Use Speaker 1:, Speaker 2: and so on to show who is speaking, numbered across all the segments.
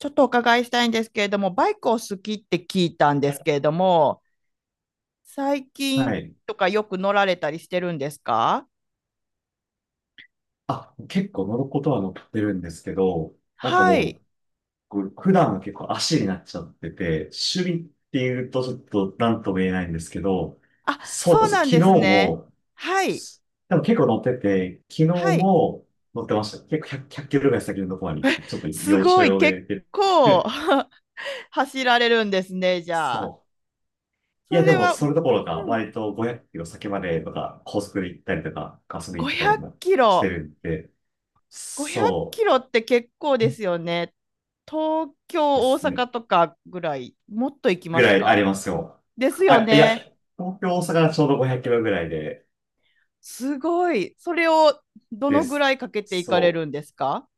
Speaker 1: ちょっとお伺いしたいんですけれども、バイクを好きって聞いたんですけれども、最近
Speaker 2: はい。
Speaker 1: とかよく乗られたりしてるんですか？
Speaker 2: あ、結構乗ることは乗ってるんですけど、なんか
Speaker 1: は
Speaker 2: も
Speaker 1: い。
Speaker 2: う、こう普段は結構足になっちゃってて、趣味っていうとちょっと何とも言えないんですけど、
Speaker 1: あ、
Speaker 2: そうで
Speaker 1: そう
Speaker 2: す。
Speaker 1: な
Speaker 2: 昨
Speaker 1: ん
Speaker 2: 日
Speaker 1: ですね。
Speaker 2: も、
Speaker 1: はい。
Speaker 2: でも結構乗ってて、昨日
Speaker 1: はい。
Speaker 2: も乗ってました。結構100、ひゃっキロぐらい先のところに、ちょっと
Speaker 1: す
Speaker 2: 要所
Speaker 1: ごい、
Speaker 2: 要で
Speaker 1: 結
Speaker 2: 行っ
Speaker 1: 構
Speaker 2: て
Speaker 1: 走られるんですね、じ
Speaker 2: そ
Speaker 1: ゃあ。
Speaker 2: う。い
Speaker 1: そ
Speaker 2: や、で
Speaker 1: れ
Speaker 2: も、
Speaker 1: は、う
Speaker 2: そ
Speaker 1: ん、
Speaker 2: れどころか、割と500キロ先までとか、高速で行ったりとか、ガスで行っ
Speaker 1: 500
Speaker 2: たり
Speaker 1: キ
Speaker 2: もして
Speaker 1: ロ。
Speaker 2: るんで、
Speaker 1: 500キ
Speaker 2: そ
Speaker 1: ロって結構ですよね。東
Speaker 2: う。で
Speaker 1: 京、大
Speaker 2: すね。
Speaker 1: 阪とかぐらい、もっと行き
Speaker 2: ぐ
Speaker 1: ます
Speaker 2: らいあり
Speaker 1: か？
Speaker 2: ますよ。
Speaker 1: ですよ
Speaker 2: あ、いや、
Speaker 1: ね。
Speaker 2: 東京、大阪がちょうど500キロぐらいで、
Speaker 1: すごい。それをど
Speaker 2: で
Speaker 1: のぐ
Speaker 2: す。
Speaker 1: らいかけていかれ
Speaker 2: そ
Speaker 1: る
Speaker 2: う。
Speaker 1: んですか？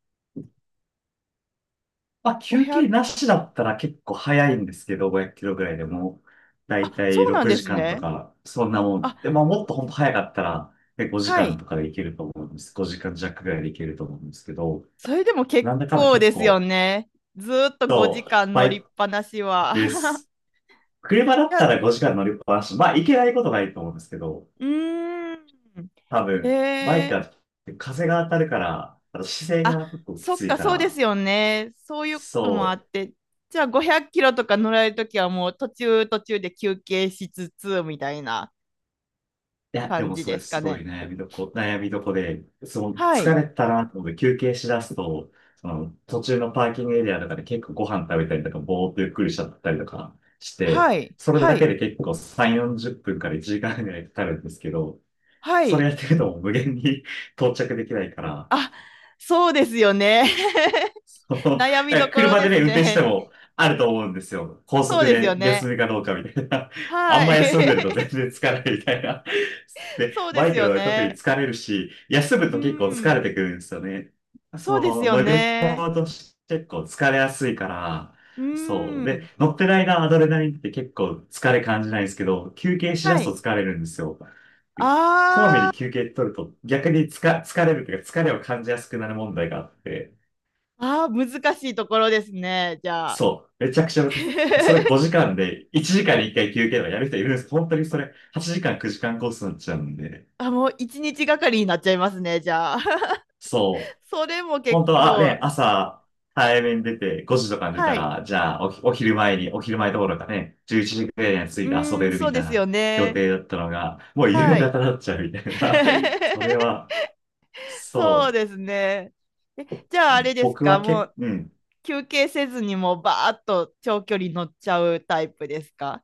Speaker 2: まあ、
Speaker 1: 5
Speaker 2: 休憩
Speaker 1: 0
Speaker 2: なしだったら結構早いんですけど、500キロぐらいでも、だい
Speaker 1: あ、
Speaker 2: たい
Speaker 1: そうなん
Speaker 2: 6
Speaker 1: です
Speaker 2: 時間と
Speaker 1: ね。
Speaker 2: か、そんなも
Speaker 1: あ、
Speaker 2: ん。で、まあ、もっと本当早かったら、5
Speaker 1: は
Speaker 2: 時間
Speaker 1: い。
Speaker 2: とかで行けると思うんです。5時間弱ぐらいで行けると思うんですけど、
Speaker 1: それでも結
Speaker 2: なんだかんだ
Speaker 1: 構
Speaker 2: 結
Speaker 1: ですよ
Speaker 2: 構、
Speaker 1: ね。ずーっと
Speaker 2: そ
Speaker 1: 5
Speaker 2: う、
Speaker 1: 時間
Speaker 2: バ
Speaker 1: 乗
Speaker 2: イ
Speaker 1: りっ
Speaker 2: ク
Speaker 1: ぱなしは。
Speaker 2: で す。車だ
Speaker 1: い
Speaker 2: っ
Speaker 1: や、
Speaker 2: た
Speaker 1: う
Speaker 2: ら5時間乗りっぱなし。まあ、行けないことないと思うんですけど、
Speaker 1: ーん。
Speaker 2: 多
Speaker 1: へ
Speaker 2: 分、バイク
Speaker 1: え。
Speaker 2: は風が当たるから、あと姿勢
Speaker 1: あ、
Speaker 2: が結構き
Speaker 1: そっ
Speaker 2: つい
Speaker 1: か、
Speaker 2: か
Speaker 1: そうです
Speaker 2: ら、
Speaker 1: よね。そういうこともあ
Speaker 2: そ
Speaker 1: っ
Speaker 2: う。
Speaker 1: て。じゃあ500キロとか乗られるときはもう途中途中で休憩しつつみたいな
Speaker 2: いや、で
Speaker 1: 感
Speaker 2: も
Speaker 1: じ
Speaker 2: そ
Speaker 1: で
Speaker 2: れ
Speaker 1: す
Speaker 2: す
Speaker 1: か
Speaker 2: ごい
Speaker 1: ね。
Speaker 2: ね悩みどこで、その
Speaker 1: は
Speaker 2: 疲
Speaker 1: い。
Speaker 2: れたなと思って休憩しだすと、その途中のパーキングエリアとかで結構ご飯食べたりとか、ぼーっとゆっくりしちゃったりとかして、
Speaker 1: はい。
Speaker 2: それ
Speaker 1: は
Speaker 2: だけ
Speaker 1: い。
Speaker 2: で結構3、40分から1時間ぐらいかかるんですけど、
Speaker 1: は
Speaker 2: それ
Speaker 1: い。
Speaker 2: やってるともう無限に 到着できないから、
Speaker 1: あ、そうですよね。悩みどころ
Speaker 2: 車
Speaker 1: で
Speaker 2: でね、
Speaker 1: す
Speaker 2: 運転して
Speaker 1: ね。
Speaker 2: もあると思うんですよ。高
Speaker 1: そう
Speaker 2: 速
Speaker 1: ですよ
Speaker 2: で休
Speaker 1: ね。
Speaker 2: みかどうかみたいな。あん
Speaker 1: は
Speaker 2: ま
Speaker 1: い。
Speaker 2: 休んでると全然疲れるみたいな。で、
Speaker 1: そうで
Speaker 2: バ
Speaker 1: す
Speaker 2: イク
Speaker 1: よ
Speaker 2: の場合特に
Speaker 1: ね。
Speaker 2: 疲れるし、休む
Speaker 1: う
Speaker 2: と結構疲
Speaker 1: ん。
Speaker 2: れてくるんですよね。そ
Speaker 1: そうです
Speaker 2: の
Speaker 1: よ
Speaker 2: 乗り
Speaker 1: ね。
Speaker 2: 物として結構疲れやすいから、そう。
Speaker 1: う
Speaker 2: で、
Speaker 1: ん。
Speaker 2: 乗ってる間アドレナリンって結構疲れ感じないんですけど、休憩しだ
Speaker 1: は
Speaker 2: すと
Speaker 1: い。
Speaker 2: 疲れるんですよ。でこまめ
Speaker 1: あ
Speaker 2: に休憩取ると逆に疲れるというか疲れを感じやすくなる問題があって、
Speaker 1: あ、ああ、難しいところですね、じゃあ。
Speaker 2: そう。めちゃくちゃ難しい。それ 5時間で、1時間に1回休憩とかやる人いるんですけど、本当にそれ8時間9時間コースになっちゃうんで。
Speaker 1: あ、もう一日がかりになっちゃいますね、じゃあ。
Speaker 2: そう。
Speaker 1: それも結
Speaker 2: 本当は、
Speaker 1: 構し、
Speaker 2: 朝、早めに出て5時とかに出た
Speaker 1: はい。
Speaker 2: ら、じゃあお、お昼前に、お昼前どころかね、11時くらいに着いて遊
Speaker 1: う
Speaker 2: べ
Speaker 1: ん、
Speaker 2: る
Speaker 1: そ
Speaker 2: み
Speaker 1: う
Speaker 2: た
Speaker 1: で
Speaker 2: い
Speaker 1: すよ
Speaker 2: な予
Speaker 1: ね。
Speaker 2: 定だったのが、もう夕方
Speaker 1: はい。
Speaker 2: になっちゃうみたいな。それ は、
Speaker 1: そう
Speaker 2: そ
Speaker 1: ですね。え、じゃあ
Speaker 2: う。
Speaker 1: あれです
Speaker 2: 僕
Speaker 1: か、
Speaker 2: は
Speaker 1: も
Speaker 2: 結構、
Speaker 1: う
Speaker 2: うん。
Speaker 1: 休憩せずにもうバーッと長距離乗っちゃうタイプですか？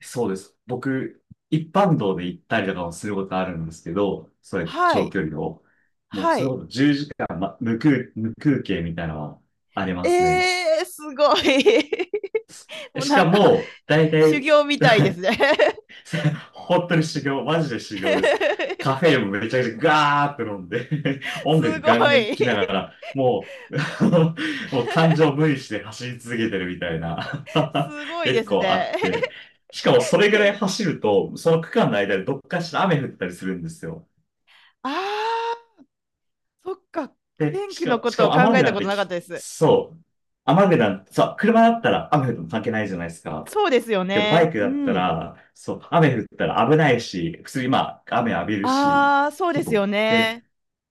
Speaker 2: そうです。僕、一般道で行ったりとかもすることあるんですけど、そうやって
Speaker 1: は
Speaker 2: 長
Speaker 1: い、
Speaker 2: 距離を。もう、
Speaker 1: は
Speaker 2: それ
Speaker 1: い。
Speaker 2: こそ10時間、ま、無空憩みたいなのはありますね。
Speaker 1: えー、すごい。もう
Speaker 2: し
Speaker 1: な
Speaker 2: か
Speaker 1: んか
Speaker 2: も、大
Speaker 1: 修
Speaker 2: 体、
Speaker 1: 行みたいです ね。
Speaker 2: 本当に修行、マジで修行です。カフェ インもめちゃくちゃガーって飲んで 音
Speaker 1: す
Speaker 2: 楽
Speaker 1: ご
Speaker 2: ガンガン聴
Speaker 1: い。
Speaker 2: きながら、もう、もう感情 無理して走り続けてるみたいな
Speaker 1: すごいで
Speaker 2: 結
Speaker 1: す
Speaker 2: 構あ
Speaker 1: ね。
Speaker 2: って。しかもそれぐ
Speaker 1: へ
Speaker 2: らい走ると、その区間の間でどっかしら雨降ったりするんですよ。
Speaker 1: あー、そっか。
Speaker 2: で、
Speaker 1: 天
Speaker 2: し
Speaker 1: 気の
Speaker 2: か、
Speaker 1: こ
Speaker 2: しか
Speaker 1: とを
Speaker 2: も
Speaker 1: 考
Speaker 2: 雨具
Speaker 1: えた
Speaker 2: なん
Speaker 1: こと
Speaker 2: て
Speaker 1: なかっ
Speaker 2: き、
Speaker 1: たです。
Speaker 2: そう。雨具なんて、車だったら雨降っても関係ないじゃないですか。
Speaker 1: そうですよ
Speaker 2: でもバ
Speaker 1: ね。
Speaker 2: イク
Speaker 1: う
Speaker 2: だった
Speaker 1: ん。
Speaker 2: ら、そう、雨降ったら危ないし、普通にまあ、雨浴びるし、
Speaker 1: あー、そうで
Speaker 2: 結
Speaker 1: す
Speaker 2: 構、
Speaker 1: よ
Speaker 2: で、
Speaker 1: ね。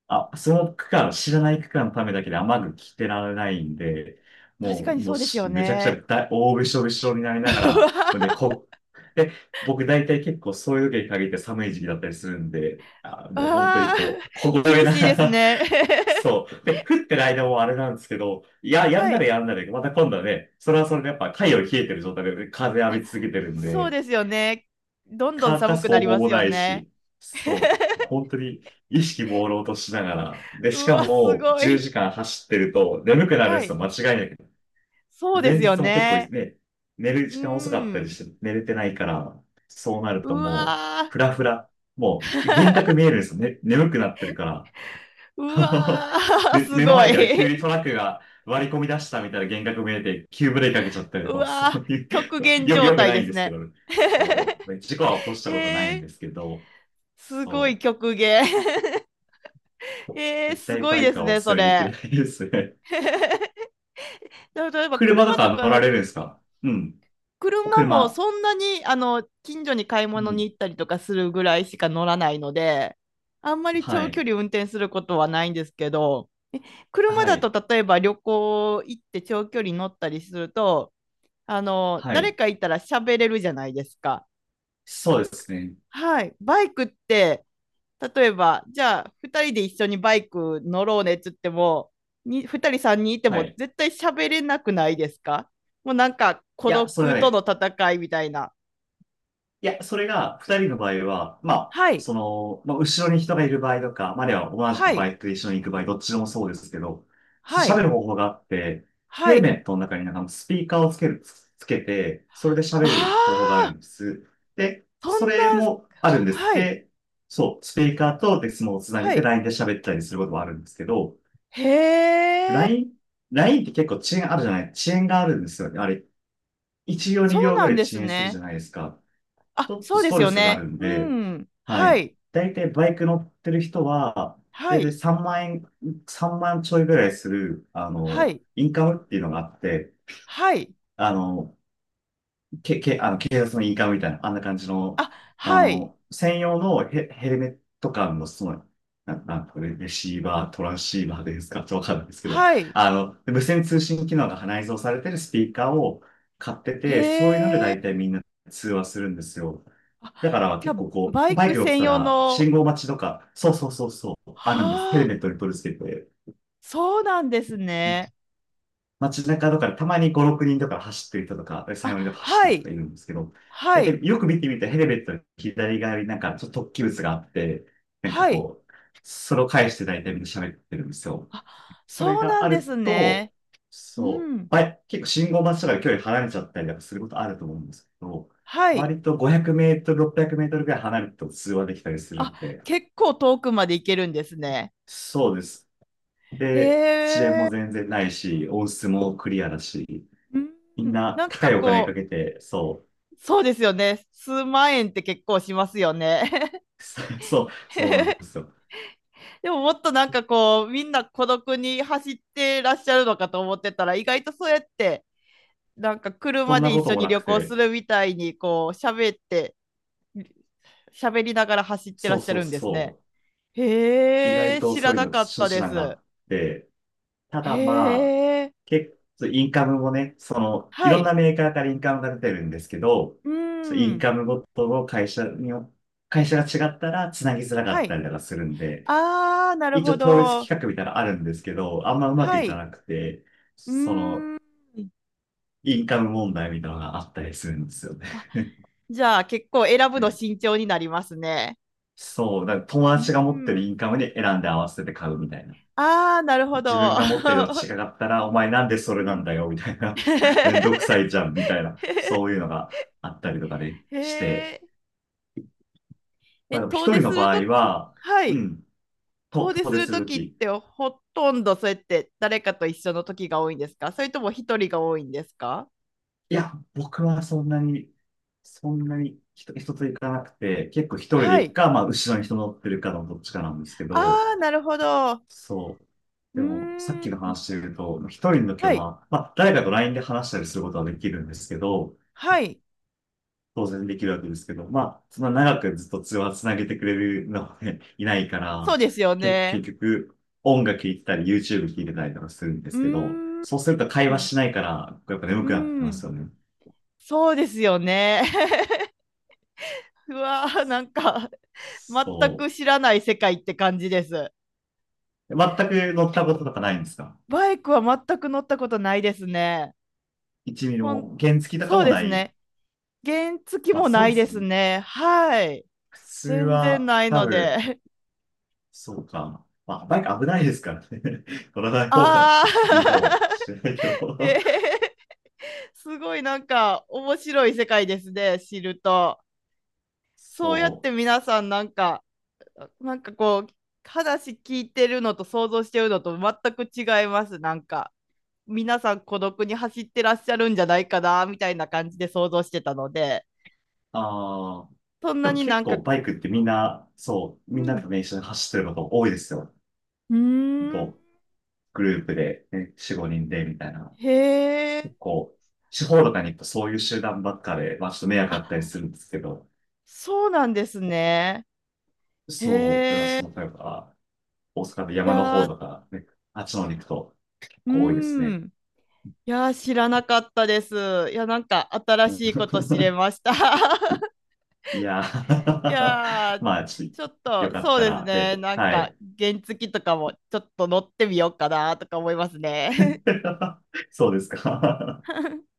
Speaker 2: あ、その区間、知らない区間のためだけで雨具着てられないんで、
Speaker 1: 確か
Speaker 2: もう、
Speaker 1: に
Speaker 2: も
Speaker 1: そ
Speaker 2: う
Speaker 1: うですよ
Speaker 2: めちゃくちゃ
Speaker 1: ね。
Speaker 2: びしょびしょになりながら、で、こう、で、僕大体結構そういう時に限って寒い時期だったりするんで、あ、もう本当に
Speaker 1: ああ
Speaker 2: こ
Speaker 1: ー、
Speaker 2: う、凍え
Speaker 1: 厳
Speaker 2: な
Speaker 1: しい
Speaker 2: が
Speaker 1: です
Speaker 2: ら、
Speaker 1: ね。
Speaker 2: そう。で、降ってる間もあれなんですけど、いや、やん
Speaker 1: は
Speaker 2: だら
Speaker 1: い。
Speaker 2: やんだら、また今度はね、それはそれでやっぱ太陽冷えてる状態で風浴び続けてるん
Speaker 1: そう
Speaker 2: で、
Speaker 1: ですよね。どんどん
Speaker 2: 乾か
Speaker 1: 寒
Speaker 2: す
Speaker 1: くな
Speaker 2: 方
Speaker 1: り
Speaker 2: 法
Speaker 1: ます
Speaker 2: も
Speaker 1: よ
Speaker 2: ない
Speaker 1: ね。
Speaker 2: し、そう、本当に意識朦朧としながら、で、
Speaker 1: う
Speaker 2: しか
Speaker 1: わ、す
Speaker 2: も
Speaker 1: ご
Speaker 2: 10
Speaker 1: い。
Speaker 2: 時間走ってると眠くなるん
Speaker 1: は
Speaker 2: ですよ、
Speaker 1: い。
Speaker 2: 間違いなく。
Speaker 1: そうで
Speaker 2: 前
Speaker 1: すよ
Speaker 2: 日も結構
Speaker 1: ね。
Speaker 2: ね、寝る
Speaker 1: う
Speaker 2: 時間遅かったり
Speaker 1: ん。
Speaker 2: して寝れてないから、そうなる
Speaker 1: う
Speaker 2: ともう、
Speaker 1: わ
Speaker 2: ふらふら、もう幻
Speaker 1: ー。
Speaker 2: 覚見 えるんですよね、眠くなってるから。
Speaker 1: う わー、
Speaker 2: で、
Speaker 1: す
Speaker 2: 目の
Speaker 1: ご
Speaker 2: 前から急に
Speaker 1: い。
Speaker 2: トラックが割り込み出したみたいな幻覚見えて、急ブレーキかけちゃったり
Speaker 1: う
Speaker 2: とか、そ
Speaker 1: わー、
Speaker 2: ういう、
Speaker 1: 極 限状
Speaker 2: よく
Speaker 1: 態
Speaker 2: な
Speaker 1: で
Speaker 2: いん
Speaker 1: す
Speaker 2: ですけ
Speaker 1: ね。
Speaker 2: ど、そう、事故は起こしたことないん
Speaker 1: えー、
Speaker 2: ですけど、
Speaker 1: すごい
Speaker 2: そ
Speaker 1: 極限。
Speaker 2: う、
Speaker 1: えー、
Speaker 2: 絶
Speaker 1: す
Speaker 2: 対
Speaker 1: ごい
Speaker 2: バイ
Speaker 1: で
Speaker 2: ク
Speaker 1: す
Speaker 2: はお
Speaker 1: ね、そ
Speaker 2: 勧めできな
Speaker 1: れ。
Speaker 2: いですね。
Speaker 1: だ例え ば
Speaker 2: 車と
Speaker 1: 車と
Speaker 2: か乗ら
Speaker 1: か
Speaker 2: れるんですか？うん。
Speaker 1: 車も
Speaker 2: 車。
Speaker 1: そんなにあの近所に買い
Speaker 2: う
Speaker 1: 物に
Speaker 2: ん。
Speaker 1: 行ったりとかするぐらいしか乗らないので、あんまり
Speaker 2: は
Speaker 1: 長距
Speaker 2: い。
Speaker 1: 離運転することはないんですけど、車
Speaker 2: は
Speaker 1: だと
Speaker 2: い。
Speaker 1: 例えば旅行行って長距離乗ったりすると、あの
Speaker 2: は
Speaker 1: 誰
Speaker 2: い。
Speaker 1: かいたら喋れるじゃないですか。
Speaker 2: そうですね。
Speaker 1: はい、バイクって例えばじゃあ2人で一緒にバイク乗ろうねっつってもに2人3人いて
Speaker 2: は
Speaker 1: も
Speaker 2: い。
Speaker 1: 絶対喋れなくないですか？もうなんか孤
Speaker 2: いや、それ
Speaker 1: 独
Speaker 2: は
Speaker 1: との
Speaker 2: ね、
Speaker 1: 戦いみたいな。
Speaker 2: いや、それが二人の場合は、まあ、
Speaker 1: はい、
Speaker 2: その、まあ、後ろに人がいる場合とか、まあ、あるいは同じ
Speaker 1: は
Speaker 2: くバ
Speaker 1: い、
Speaker 2: イクと一緒に行く場合、どっちでもそうですけど、
Speaker 1: は
Speaker 2: 喋
Speaker 1: い、
Speaker 2: る方法があって、ヘ
Speaker 1: は
Speaker 2: ル
Speaker 1: い。
Speaker 2: メットの中になんかスピーカーをつけて、それで喋
Speaker 1: あ
Speaker 2: る方法がある
Speaker 1: あ、
Speaker 2: んです。で、
Speaker 1: そ
Speaker 2: そ
Speaker 1: んな、
Speaker 2: れもあるんです。
Speaker 1: はい、
Speaker 2: で、そう、スピーカーとデスモをつな
Speaker 1: は
Speaker 2: げて
Speaker 1: い。
Speaker 2: LINE で喋ったりすることもあるんですけど、
Speaker 1: へえ、
Speaker 2: LINE、LINE って結構遅延があるんですよね。あれ、1秒
Speaker 1: そ
Speaker 2: 2
Speaker 1: う
Speaker 2: 秒ぐ
Speaker 1: な
Speaker 2: ら
Speaker 1: ん
Speaker 2: い
Speaker 1: で
Speaker 2: 遅
Speaker 1: す
Speaker 2: 延するじゃ
Speaker 1: ね。
Speaker 2: ないですか。ち
Speaker 1: あ、
Speaker 2: ょっと
Speaker 1: そう
Speaker 2: ス
Speaker 1: で
Speaker 2: ト
Speaker 1: す
Speaker 2: レ
Speaker 1: よ
Speaker 2: スがあ
Speaker 1: ね。
Speaker 2: るん
Speaker 1: う
Speaker 2: で、
Speaker 1: ん、
Speaker 2: は
Speaker 1: は
Speaker 2: い。
Speaker 1: い、
Speaker 2: 大体バイク乗ってる人は、
Speaker 1: は
Speaker 2: 大体
Speaker 1: い、
Speaker 2: 3万円、3万ちょいぐらいする、あ
Speaker 1: は
Speaker 2: の、
Speaker 1: い、
Speaker 2: インカムっていうのがあって、
Speaker 1: はい。
Speaker 2: あの、あの、警察のインカムみたいな、あんな感じの、
Speaker 1: あ、
Speaker 2: あ
Speaker 1: はい、
Speaker 2: の、専用のヘルメット感の、その、なんかレシーバー、トランシーバーですか？ちょっとわかんないですけど、
Speaker 1: はい。
Speaker 2: あの、無線通信機能が内蔵されてるスピーカーを買ってて、そういうので
Speaker 1: へえ。
Speaker 2: 大体みんな通話するんですよ。
Speaker 1: あ、
Speaker 2: だから
Speaker 1: じゃ
Speaker 2: 結
Speaker 1: あ、
Speaker 2: 構こ
Speaker 1: バ
Speaker 2: う、
Speaker 1: イ
Speaker 2: バイ
Speaker 1: ク
Speaker 2: ク乗って
Speaker 1: 専
Speaker 2: た
Speaker 1: 用
Speaker 2: ら、
Speaker 1: の、
Speaker 2: 信号待ちとか、あるんです。ヘル
Speaker 1: はあ、
Speaker 2: メットに取り付けて、
Speaker 1: そうなんですね。
Speaker 2: 街中とかでたまに5、6人とか走ってる人とか、
Speaker 1: あ、
Speaker 2: 3、4人とか走
Speaker 1: は
Speaker 2: ってる人
Speaker 1: い、
Speaker 2: がいるんですけど、
Speaker 1: はい、
Speaker 2: よく見てみたらヘルメットの左側になんかちょっと突起物があって、なんか
Speaker 1: はい。
Speaker 2: こう、それを返して大体みんな喋ってるんですよ。
Speaker 1: あ、
Speaker 2: それ
Speaker 1: そうな
Speaker 2: が
Speaker 1: ん
Speaker 2: あ
Speaker 1: で
Speaker 2: る
Speaker 1: す
Speaker 2: と、
Speaker 1: ね。う
Speaker 2: そう、
Speaker 1: ん、
Speaker 2: 結構信号待ちとかで距離離れちゃったりとかすることあると思うんですけど、
Speaker 1: はい。
Speaker 2: 割と500メートル、600メートルぐらい離れると通話できたりする
Speaker 1: あ、
Speaker 2: んで、
Speaker 1: 結構遠くまで行けるんですね。
Speaker 2: そうです。
Speaker 1: へ
Speaker 2: で、遅延も
Speaker 1: え。
Speaker 2: 全然ないし、音質もクリアだし、
Speaker 1: う
Speaker 2: みん
Speaker 1: ん。
Speaker 2: な
Speaker 1: なん
Speaker 2: 高
Speaker 1: か
Speaker 2: いお金か
Speaker 1: こ
Speaker 2: けて、そ
Speaker 1: う、そうですよね。数万円って結構しますよね。
Speaker 2: う、そうなんですよ。
Speaker 1: でももっとなんかこう、みんな孤独に走ってらっしゃるのかと思ってたら、意外とそうやって、なんか
Speaker 2: そ
Speaker 1: 車
Speaker 2: んな
Speaker 1: で
Speaker 2: こ
Speaker 1: 一
Speaker 2: と
Speaker 1: 緒
Speaker 2: も
Speaker 1: に
Speaker 2: な
Speaker 1: 旅
Speaker 2: く
Speaker 1: 行す
Speaker 2: て、
Speaker 1: るみたいに、こう、喋って、喋りながら走ってら
Speaker 2: そ
Speaker 1: っ
Speaker 2: う
Speaker 1: しゃ
Speaker 2: そう
Speaker 1: るんです
Speaker 2: そ
Speaker 1: ね。
Speaker 2: う、意
Speaker 1: へ
Speaker 2: 外
Speaker 1: え、
Speaker 2: と
Speaker 1: 知ら
Speaker 2: そういう
Speaker 1: な
Speaker 2: の
Speaker 1: かった
Speaker 2: 手
Speaker 1: で
Speaker 2: 段があ
Speaker 1: す。
Speaker 2: って、た
Speaker 1: へ
Speaker 2: だまあ、
Speaker 1: え、
Speaker 2: 結構、インカムもね、その、い
Speaker 1: は
Speaker 2: ろんな
Speaker 1: い。
Speaker 2: メーカーからインカムが出てるんですけど、
Speaker 1: う
Speaker 2: そうイン
Speaker 1: ん、
Speaker 2: カムごとの会社によ、会社が違ったら繋ぎづらか
Speaker 1: は
Speaker 2: った
Speaker 1: い。
Speaker 2: りとかするんで、
Speaker 1: ああ、なる
Speaker 2: 一
Speaker 1: ほ
Speaker 2: 応統一
Speaker 1: ど。
Speaker 2: 企画みたいなのあるんですけど、あんまうまく
Speaker 1: は
Speaker 2: いか
Speaker 1: い。
Speaker 2: なくて、
Speaker 1: う
Speaker 2: その、
Speaker 1: ーん。
Speaker 2: インカム問題みたいなのがあったりするんですよね。
Speaker 1: あ、じゃあ結構選ぶ
Speaker 2: う
Speaker 1: の
Speaker 2: ん。
Speaker 1: 慎重になりますね。
Speaker 2: そう、だから友
Speaker 1: う
Speaker 2: 達が持って
Speaker 1: ん。
Speaker 2: るインカムに選んで合わせて買うみたいな。
Speaker 1: ああ、なるほ
Speaker 2: 自分
Speaker 1: ど。
Speaker 2: が持ってるの違 かったら、お前なんでそ
Speaker 1: う
Speaker 2: れなん
Speaker 1: ん。
Speaker 2: だよ、みたいな。めんどくさ いじゃん、みたいな。そういうのがあったりとかで
Speaker 1: へ
Speaker 2: して。
Speaker 1: え。
Speaker 2: ま
Speaker 1: え、
Speaker 2: あでも一
Speaker 1: 遠出
Speaker 2: 人の
Speaker 1: する
Speaker 2: 場
Speaker 1: と
Speaker 2: 合
Speaker 1: き、
Speaker 2: は、
Speaker 1: は
Speaker 2: う
Speaker 1: い。
Speaker 2: ん、と、
Speaker 1: 遠出
Speaker 2: 遠
Speaker 1: す
Speaker 2: 出
Speaker 1: る
Speaker 2: す
Speaker 1: と
Speaker 2: ると
Speaker 1: きっ
Speaker 2: き、
Speaker 1: てほとんどそうやって誰かと一緒のときが多いんですか、それとも一人が多いんですか？
Speaker 2: いや、僕はそんなに、人と行かなくて、結構一人で
Speaker 1: は
Speaker 2: 行く
Speaker 1: い。
Speaker 2: か、まあ、後ろに人乗ってるかのどっちかなんですけ
Speaker 1: あ
Speaker 2: ど、
Speaker 1: あ、なるほど。う
Speaker 2: そう。
Speaker 1: ー
Speaker 2: でも、さっきの
Speaker 1: ん。
Speaker 2: 話で言うと、一人の時は、
Speaker 1: は
Speaker 2: ま
Speaker 1: い。
Speaker 2: あ、まあ、誰かと LINE で話したりすることはできるんですけど、
Speaker 1: はい。
Speaker 2: 当然できるわけですけど、まあ、そんな長くずっと通話つなげてくれるのはね、いないか
Speaker 1: そ
Speaker 2: ら、
Speaker 1: うですよね。
Speaker 2: 結局、音楽聴いてたり、YouTube 聴いてたりとかするんで
Speaker 1: うー
Speaker 2: すけど、
Speaker 1: ん。
Speaker 2: そうすると会
Speaker 1: う
Speaker 2: 話
Speaker 1: ん、
Speaker 2: しないから、やっぱ眠
Speaker 1: う
Speaker 2: くなってきま
Speaker 1: ん、
Speaker 2: すよね。
Speaker 1: そうですよね。うわー、なんか、全
Speaker 2: そ
Speaker 1: く知
Speaker 2: う。
Speaker 1: らない世界って感じです。
Speaker 2: 全く乗ったこととかないんですか？
Speaker 1: バイクは全く乗ったことないですね。ほん
Speaker 2: も、原付とか
Speaker 1: そう
Speaker 2: も
Speaker 1: で
Speaker 2: な
Speaker 1: す
Speaker 2: い。
Speaker 1: ね。原付
Speaker 2: まあ
Speaker 1: も
Speaker 2: そう
Speaker 1: な
Speaker 2: で
Speaker 1: いで
Speaker 2: すよ
Speaker 1: す
Speaker 2: ね。
Speaker 1: ね。はい。
Speaker 2: 普通
Speaker 1: 全然
Speaker 2: は、
Speaker 1: ない
Speaker 2: 多
Speaker 1: の
Speaker 2: 分、
Speaker 1: で。
Speaker 2: そうか。まあ、バイク危ないですからね。乗らな い方が
Speaker 1: あ
Speaker 2: いいか
Speaker 1: あ、
Speaker 2: もしれないけ
Speaker 1: え
Speaker 2: ど。
Speaker 1: ー、すごいなんか面白い世界ですね、知ると。そうやっ
Speaker 2: そ
Speaker 1: て
Speaker 2: う。
Speaker 1: 皆さん、なんかなんかこう話聞いてるのと想像してるのと全く違います。なんか皆さん孤独に走ってらっしゃるんじゃないかなみたいな感じで想像してたので、
Speaker 2: ああ。
Speaker 1: そん
Speaker 2: で
Speaker 1: な
Speaker 2: も
Speaker 1: にな
Speaker 2: 結
Speaker 1: んか、
Speaker 2: 構バイクってみんな、そう、
Speaker 1: う
Speaker 2: みんなと
Speaker 1: ん、
Speaker 2: ね、一緒に走ってること多いですよ。
Speaker 1: うーん、
Speaker 2: と、グループで、ね、4、5人で、みたいな。
Speaker 1: へえ、
Speaker 2: 結構、地方とかに行くとそういう集団ばっかで、まあちょっと迷惑だ
Speaker 1: あ、
Speaker 2: ったりするんですけど。
Speaker 1: そうなんですね。
Speaker 2: そう、だから
Speaker 1: へ
Speaker 2: そ
Speaker 1: え、
Speaker 2: の、例えば、大阪の
Speaker 1: い
Speaker 2: 山の
Speaker 1: や
Speaker 2: 方
Speaker 1: ー、
Speaker 2: とか、ね、あっちの方に行くと結
Speaker 1: う
Speaker 2: 構多いですね。
Speaker 1: ん、いやー知らなかったです。いやなんか新しいこと知れ ました。
Speaker 2: いやー
Speaker 1: い やー、
Speaker 2: まあ、ちょっと、
Speaker 1: ちょっ
Speaker 2: よ
Speaker 1: と
Speaker 2: かっ
Speaker 1: そう
Speaker 2: た
Speaker 1: です
Speaker 2: ら、で、
Speaker 1: ね、なん
Speaker 2: は
Speaker 1: か
Speaker 2: い。
Speaker 1: 原付とかもちょっと乗ってみようかなとか思いますね。
Speaker 2: そうですか。